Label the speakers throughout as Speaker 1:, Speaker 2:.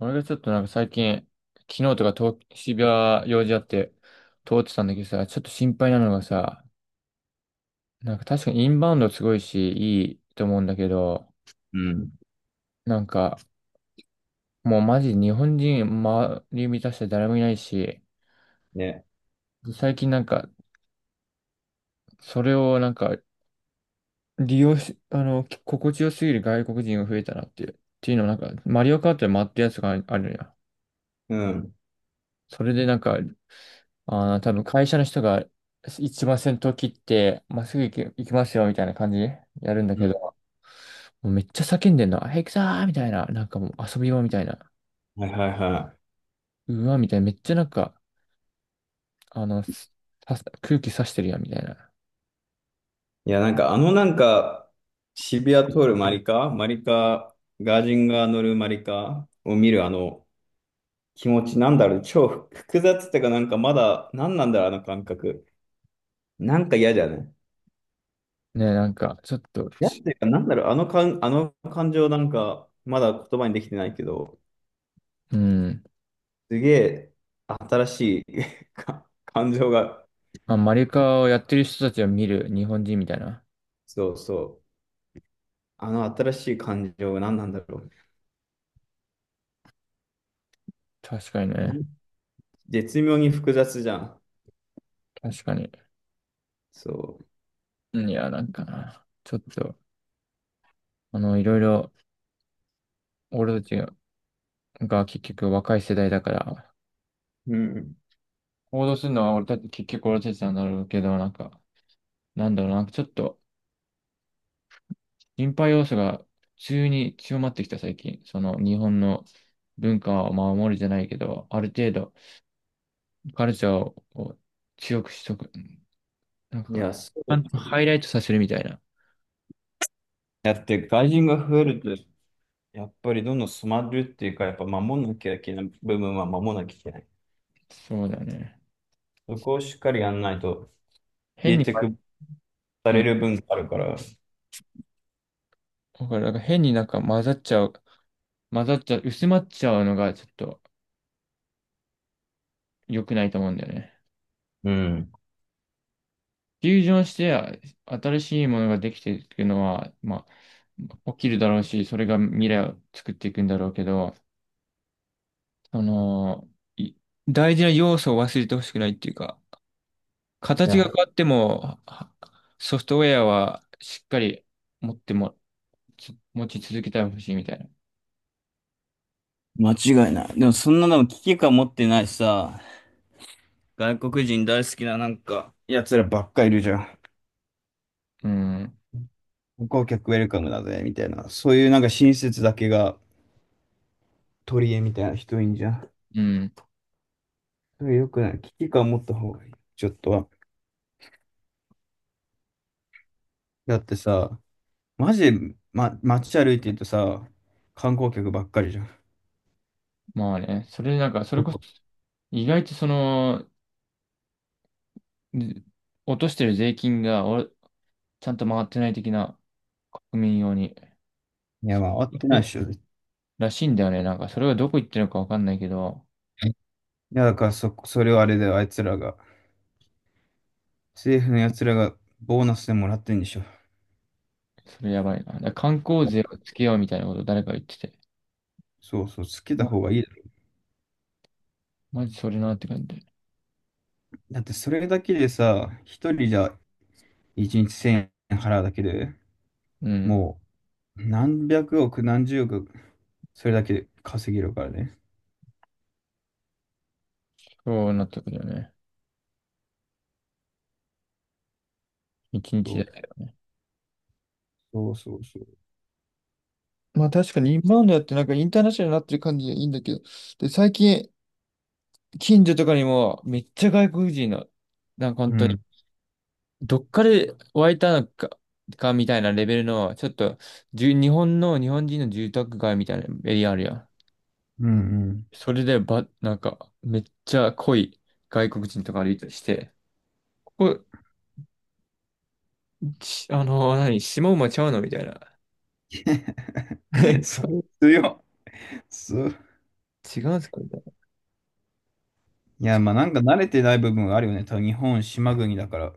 Speaker 1: 俺がちょっとなんか最近、昨日とか渋谷用事あって通ってたんだけどさ、ちょっと心配なのがさ、なんか確かにインバウンドすごいし、いいと思うんだけど、
Speaker 2: うん。
Speaker 1: なんかもうマジ日本人周り満たして誰もいないし、
Speaker 2: ね。
Speaker 1: 最近なんかそれをなんか利用し、あの、き心地よすぎる外国人が増えたなっていう。っていうのもなんか、マリオカートで回ってるやつがあるのよ。
Speaker 2: うん。
Speaker 1: それでなんか、ああ、多分会社の人が一番先頭切って、まっすぐ行きますよみたいな感じでやるんだ
Speaker 2: う
Speaker 1: けど、
Speaker 2: ん。
Speaker 1: もうめっちゃ叫んでんの。あ、行くぞーみたいな。なんかもう遊び場みたいな。
Speaker 2: はいはいは
Speaker 1: うわ、みたいな。めっちゃなんか、あの、す空気刺してるやん、みたいな。
Speaker 2: い。いや、なんかなんか、渋谷通るマリカ、ガージンが乗るマリカを見るあの気持ち、なんだろう、超複雑っていうか、なんかまだ、なんなんだろう、あの感覚。なんか嫌じゃない
Speaker 1: ね、なんか、ちょっと
Speaker 2: 嫌っ
Speaker 1: し、
Speaker 2: ていうか、なんだろう、あの感情なんか、まだ言葉にできてないけど、
Speaker 1: うん。
Speaker 2: すげえ新しい か感情が、
Speaker 1: まあ、マリカをやってる人たちを見る日本人みたいな。
Speaker 2: そうそう、あの新しい感情が何なんだろう。
Speaker 1: 確かにね。
Speaker 2: 絶妙に複雑じゃん。
Speaker 1: 確かに。
Speaker 2: そ
Speaker 1: いや、なんかな。ちょっと、いろいろ、俺たちが結局若い世代だから、
Speaker 2: う。うん。
Speaker 1: 行動するのは俺たち、結局俺たちなんだろうけど、なんか、なんだろうな、ちょっと、心配要素が普通に強まってきた最近。その、日本の文化を守るじゃないけど、ある程度、カルチャーを強くしとく。なん
Speaker 2: い
Speaker 1: か、
Speaker 2: や、そうですよね。
Speaker 1: ハイライトさせるみたいな。
Speaker 2: だって外人が増えると、やっぱりどんどん染まるっていうか、やっぱ守んなきゃいけない部分は守んなきゃいけない。
Speaker 1: そうだね。
Speaker 2: そこをしっかりやんないと、
Speaker 1: 変
Speaker 2: 消え
Speaker 1: に、
Speaker 2: てくされ
Speaker 1: う
Speaker 2: る分があるから。
Speaker 1: だから、なんか変になんか混ざっちゃう、薄まっちゃうのがちょっと良くないと思うんだよね。
Speaker 2: うん。
Speaker 1: フュージョンして新しいものができていくのは、まあ、起きるだろうし、それが未来を作っていくんだろうけど、その、い大事な要素を忘れてほしくないっていうか、
Speaker 2: い
Speaker 1: 形
Speaker 2: や、
Speaker 1: が変わっても、ソフトウェアはしっかり持っても、つ持ち続けてほしいみたいな。
Speaker 2: 間違いない。でもそんなの危機感持ってないさ、外国人大好きななんか、奴らばっかいるじゃん。
Speaker 1: うん。
Speaker 2: 観光客ウェルカムだぜ、みたいな。そういうなんか親切だけが取り柄みたいな人いんじゃん。
Speaker 1: うん。
Speaker 2: それ良くない。危機感持った方がいい。ちょっとは。だってさ、マジで、ま、街歩いてるとさ、観光客ばっかりじゃん。
Speaker 1: まあね、それなんか、それこそ、意外とその、で落としてる税金がちゃんと回ってない的な国民用に。
Speaker 2: いや、まあ、合ってないっ
Speaker 1: え
Speaker 2: しょ、絶
Speaker 1: らしいんだよね。なんか、それがどこ行ってるのかわかんないけど、
Speaker 2: 対。いや、だからそれをあれだよ、あいつらが。政府のやつらがボーナスでもらってんでしょ。
Speaker 1: それやばいな。だから観光税をつけようみたいなこと誰か言ってて。
Speaker 2: そうそう、つけた方
Speaker 1: ま
Speaker 2: がいいだろ。
Speaker 1: マジそれなって感じ。
Speaker 2: だって、それだけでさ、一人じゃ一日千円払うだけで、
Speaker 1: うん。
Speaker 2: もう、何百億、何十億、それだけで稼げるからね。
Speaker 1: そうなったけどね。一
Speaker 2: そ
Speaker 1: 日
Speaker 2: う
Speaker 1: で。
Speaker 2: そうそうそう。
Speaker 1: まあ確かにインバウンドやってなんかインターナショナルになってる感じがいいんだけど、で、最近近所とかにもめっちゃ外国人の、なんか本
Speaker 2: う
Speaker 1: 当に
Speaker 2: ん、
Speaker 1: どっかで湧いたのかみたいなレベルの、ちょっと、日本の、日本人の住宅街みたいなエリアあるやん。
Speaker 2: うん、うん。
Speaker 1: それで、なんか、めっちゃ濃い外国人とか歩いたりして、ここ、しあの、何、下馬ちゃうのみたいな。あ れ
Speaker 2: そう、強い。そう。
Speaker 1: 違うんすかみたいな。
Speaker 2: いや、まあなんか慣れてない部分があるよね。多分日本、島国だから。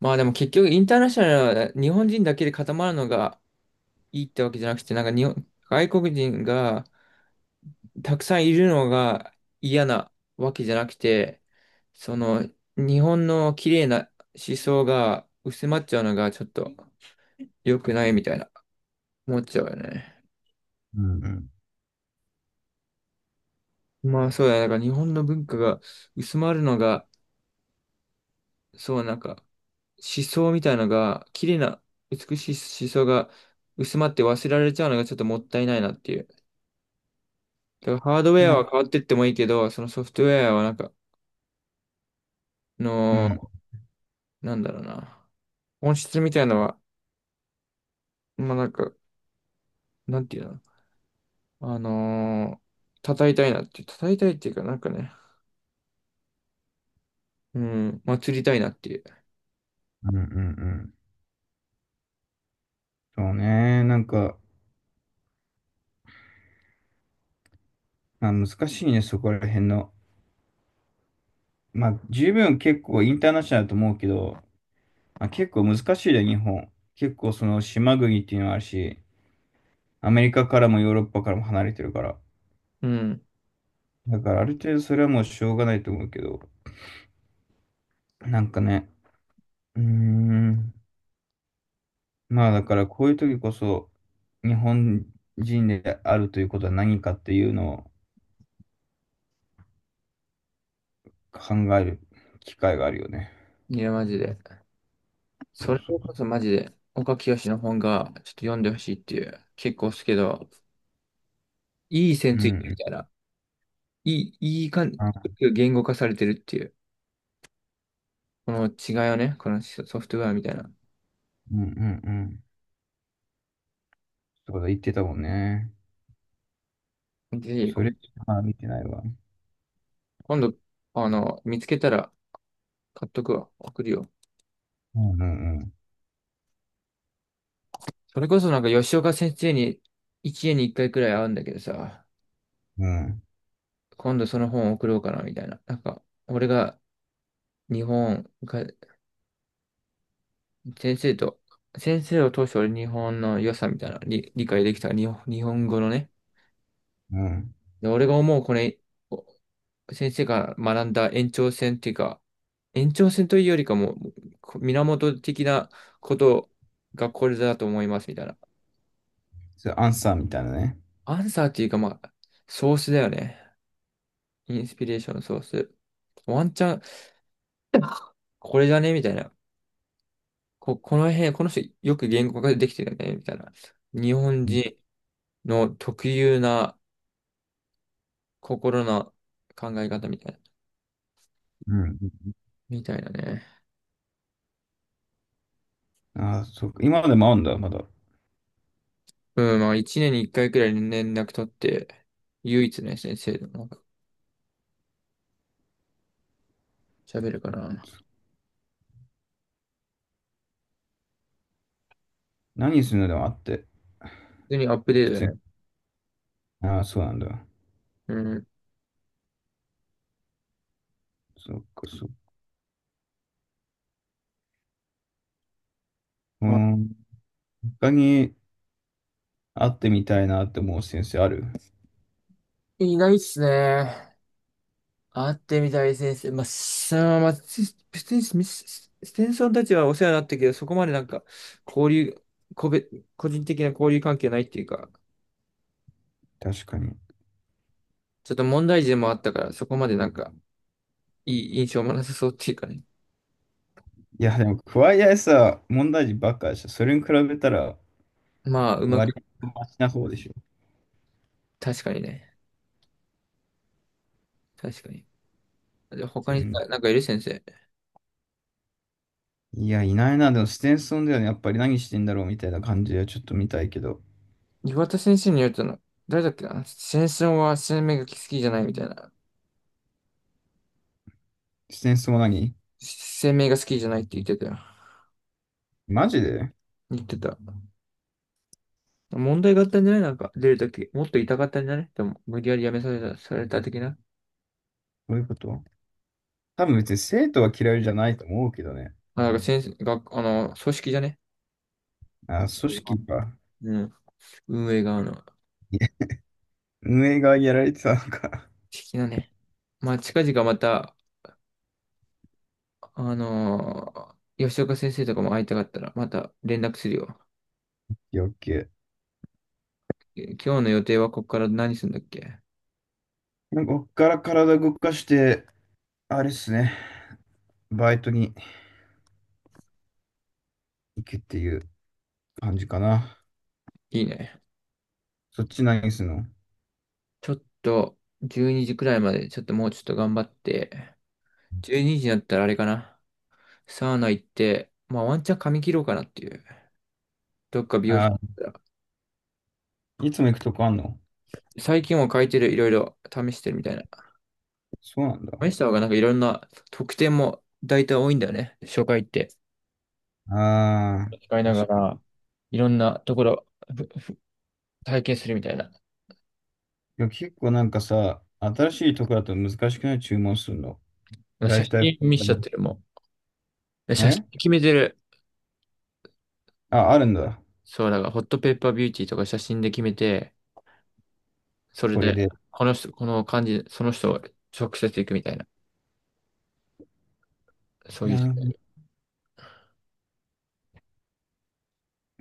Speaker 1: まあでも結局、インターナショナルは日本人だけで固まるのがいいってわけじゃなくて、なんか日本、外国人が、たくさんいるのが嫌なわけじゃなくて、その日本の綺麗な思想が薄まっちゃうのがちょっと良くないみたいな思っちゃうよね。
Speaker 2: うん、うん。
Speaker 1: まあそうだね。だから日本の文化が薄まるのが、そうなんか思想みたいなのが、綺麗な美しい思想が薄まって忘れられちゃうのがちょっともったいないなっていう。だからハードウェ
Speaker 2: ま
Speaker 1: ア
Speaker 2: あ、
Speaker 1: は変わってってもいいけど、そのソフトウェアはなんか、
Speaker 2: う
Speaker 1: の、
Speaker 2: ん、
Speaker 1: なんだろうな。本質みたいなのは、まあなんか、なんていうのあのー叩いたいなっていう、叩いたいっていうか、なんかね、うん、祭りたいなっていう。
Speaker 2: うん、うん、うん。そうね。なんか、まあ難しいね、そこら辺の。まあ十分結構インターナショナルだと思うけど、まあ、結構難しいね、日本。結構その島国っていうのはあるし、アメリカからもヨーロッパからも離れてるから。
Speaker 1: うん。
Speaker 2: だからある程度それはもうしょうがないと思うけど、なんかね、うーん。まあだからこういう時こそ日本人であるということは何かっていうのを考える機会があるよね。
Speaker 1: いや、マジで。
Speaker 2: そ
Speaker 1: そ
Speaker 2: う
Speaker 1: れこ
Speaker 2: そ
Speaker 1: そマジで、岡清の本がちょっと読んでほしいっていう、結構好きけど、いい線
Speaker 2: う。う
Speaker 1: ついてる
Speaker 2: ん。
Speaker 1: みたいな、いいい感じ、
Speaker 2: あ、
Speaker 1: 言語化されてるっていう、この違いをね、このソフトウェアみたいな。
Speaker 2: うんうんうん。そうだ、言ってたもんね。
Speaker 1: ぜひ、
Speaker 2: それしか見てないわ。
Speaker 1: 今度、見つけたら買っとくわ、送るよ。
Speaker 2: うんうん
Speaker 1: それこそなんか吉岡先生に、一年に一回くらい会うんだけどさ、
Speaker 2: うん。
Speaker 1: 今度その本送ろうかな、みたいな。なんか、俺が日本が、先生と、先生を通して俺日本の良さみたいな、理解できた日本、日本語のね。
Speaker 2: うんうん。
Speaker 1: で、俺が思う、これ、お先生が学んだ延長線っていうか、延長線というよりかも、源的なことがこれだと思います、みたいな。
Speaker 2: それアンサーみたいなね。
Speaker 1: アンサーっていうか、まあ、ソースだよね。インスピレーションのソース。ワンチャン、これじゃねみたいな。この辺、この人よく言語化できてるよね、みたいな。日本
Speaker 2: うん
Speaker 1: 人の特有な心の考え方みたいな。
Speaker 2: うん。うん。
Speaker 1: みたいなね。
Speaker 2: ああ、そうか。今までもあるんだ、まだ。
Speaker 1: うん、まあ一年に一回くらい連絡取って、唯一ね、先生でもなんか喋るから。
Speaker 2: 何するのでもあって。
Speaker 1: 普通にアップデー
Speaker 2: 普
Speaker 1: ト
Speaker 2: 通
Speaker 1: だ
Speaker 2: に。
Speaker 1: ね。
Speaker 2: ああ、そうなんだ。
Speaker 1: うん。
Speaker 2: そっか、そっか。う
Speaker 1: あ
Speaker 2: ん。他に会ってみたいなって思う先生ある？
Speaker 1: いないっすね。会ってみたい先生。まあ、さあ、まあ、スステンスミスステンソンたちはお世話になったけど、そこまでなんか、交流、個別、個人的な交流関係ないっていうか、
Speaker 2: 確かに。
Speaker 1: ちょっと問題児でもあったから、そこまでなんか、いい印象もなさそうっていうかね。
Speaker 2: いや、でも、桑井さ問題児ばっかでしょ。それに比べたら、
Speaker 1: まあ、うま
Speaker 2: 割
Speaker 1: く、
Speaker 2: とマシな方でしょ。
Speaker 1: 確かにね。確かに。で、他
Speaker 2: 全
Speaker 1: に
Speaker 2: 然。
Speaker 1: さ、なんかいる先生。
Speaker 2: いや、いないな。でも、ステンソンだよね。やっぱり何してんだろうみたいな感じはちょっと見たいけど。
Speaker 1: 岩田先生によるとな、誰だっけな先争は生命が好きじゃないみたいな。
Speaker 2: ステンソンは何？
Speaker 1: 生命が好きじゃないって言ってたよ。
Speaker 2: マジで。
Speaker 1: 言ってた。問題があったんじゃないなんか、出るとき。もっと痛かったんじゃないでも、無理やり辞めさせた、された的な。
Speaker 2: どういうこと？多分別に生徒は嫌いじゃないと思うけどね。
Speaker 1: あ、なんか先生、学、あの、組織じゃね。
Speaker 2: あ、組織か。
Speaker 1: うん。運営側の。好
Speaker 2: 運営がやられてたのか。
Speaker 1: きなね。まあ、近々また、あの吉岡先生とかも会いたかったら、また連絡するよ。
Speaker 2: 余計。
Speaker 1: え、今日の予定はここから何するんだっけ？
Speaker 2: なんかこっから体動かして、あれっすね。バイトに行くっていう感じかな。
Speaker 1: いいね。
Speaker 2: そっち何すんの？
Speaker 1: ちょっと、12時くらいまで、ちょっともうちょっと頑張って、12時にになったらあれかな。サウナ行って、まあワンチャン髪切ろうかなっていう。どっか美容室
Speaker 2: あ
Speaker 1: 行ったら
Speaker 2: いつも行くとこあんの？
Speaker 1: 最近も変えてる、いろいろ試してるみたいな。
Speaker 2: そうなんだ。
Speaker 1: 試した方がなんかいろんな特典も大体多いんだよね。初回って。
Speaker 2: あ
Speaker 1: 使い
Speaker 2: あ、
Speaker 1: なが
Speaker 2: 確かに。い
Speaker 1: ら、いろんなところふふ体験するみたいな。
Speaker 2: や、結構なんかさ、新しいとこだと難しくない？注文するの。だ
Speaker 1: 写
Speaker 2: いたい
Speaker 1: 真
Speaker 2: これ
Speaker 1: 見
Speaker 2: か
Speaker 1: しちゃっ
Speaker 2: な。
Speaker 1: てるもん。写真
Speaker 2: ね
Speaker 1: 決めてる。
Speaker 2: あ、あるんだ。
Speaker 1: そう、だからホットペッパービューティーとか写真で決めて、それ
Speaker 2: これ
Speaker 1: で、
Speaker 2: で。
Speaker 1: この人、この感じ、その人を直接行くみたいな。そうい
Speaker 2: な
Speaker 1: う。
Speaker 2: る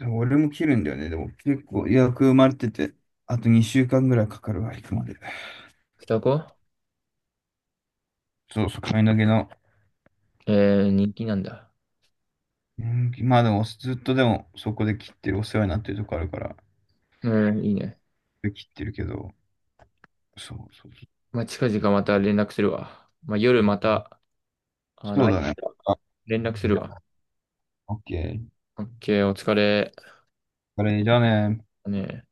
Speaker 2: ほど。俺も切るんだよね。でも結構予約埋まれてて、あと2週間ぐらいかかるわ、行くまで。
Speaker 1: 双子
Speaker 2: そうそう、髪の毛の。
Speaker 1: えー、人気なんだ。
Speaker 2: うん、まあでも、ずっとでも、そこで切ってる、お世話になってるとこあるから、
Speaker 1: えー、いいね。
Speaker 2: 切ってるけど、そうそうそう。
Speaker 1: まあ、近々また連絡するわ。まあ、夜また、あの、
Speaker 2: そうだね。あ、
Speaker 1: 連絡するわ。
Speaker 2: オッケー。
Speaker 1: オッケー、お疲れ。
Speaker 2: これじゃあね。
Speaker 1: ね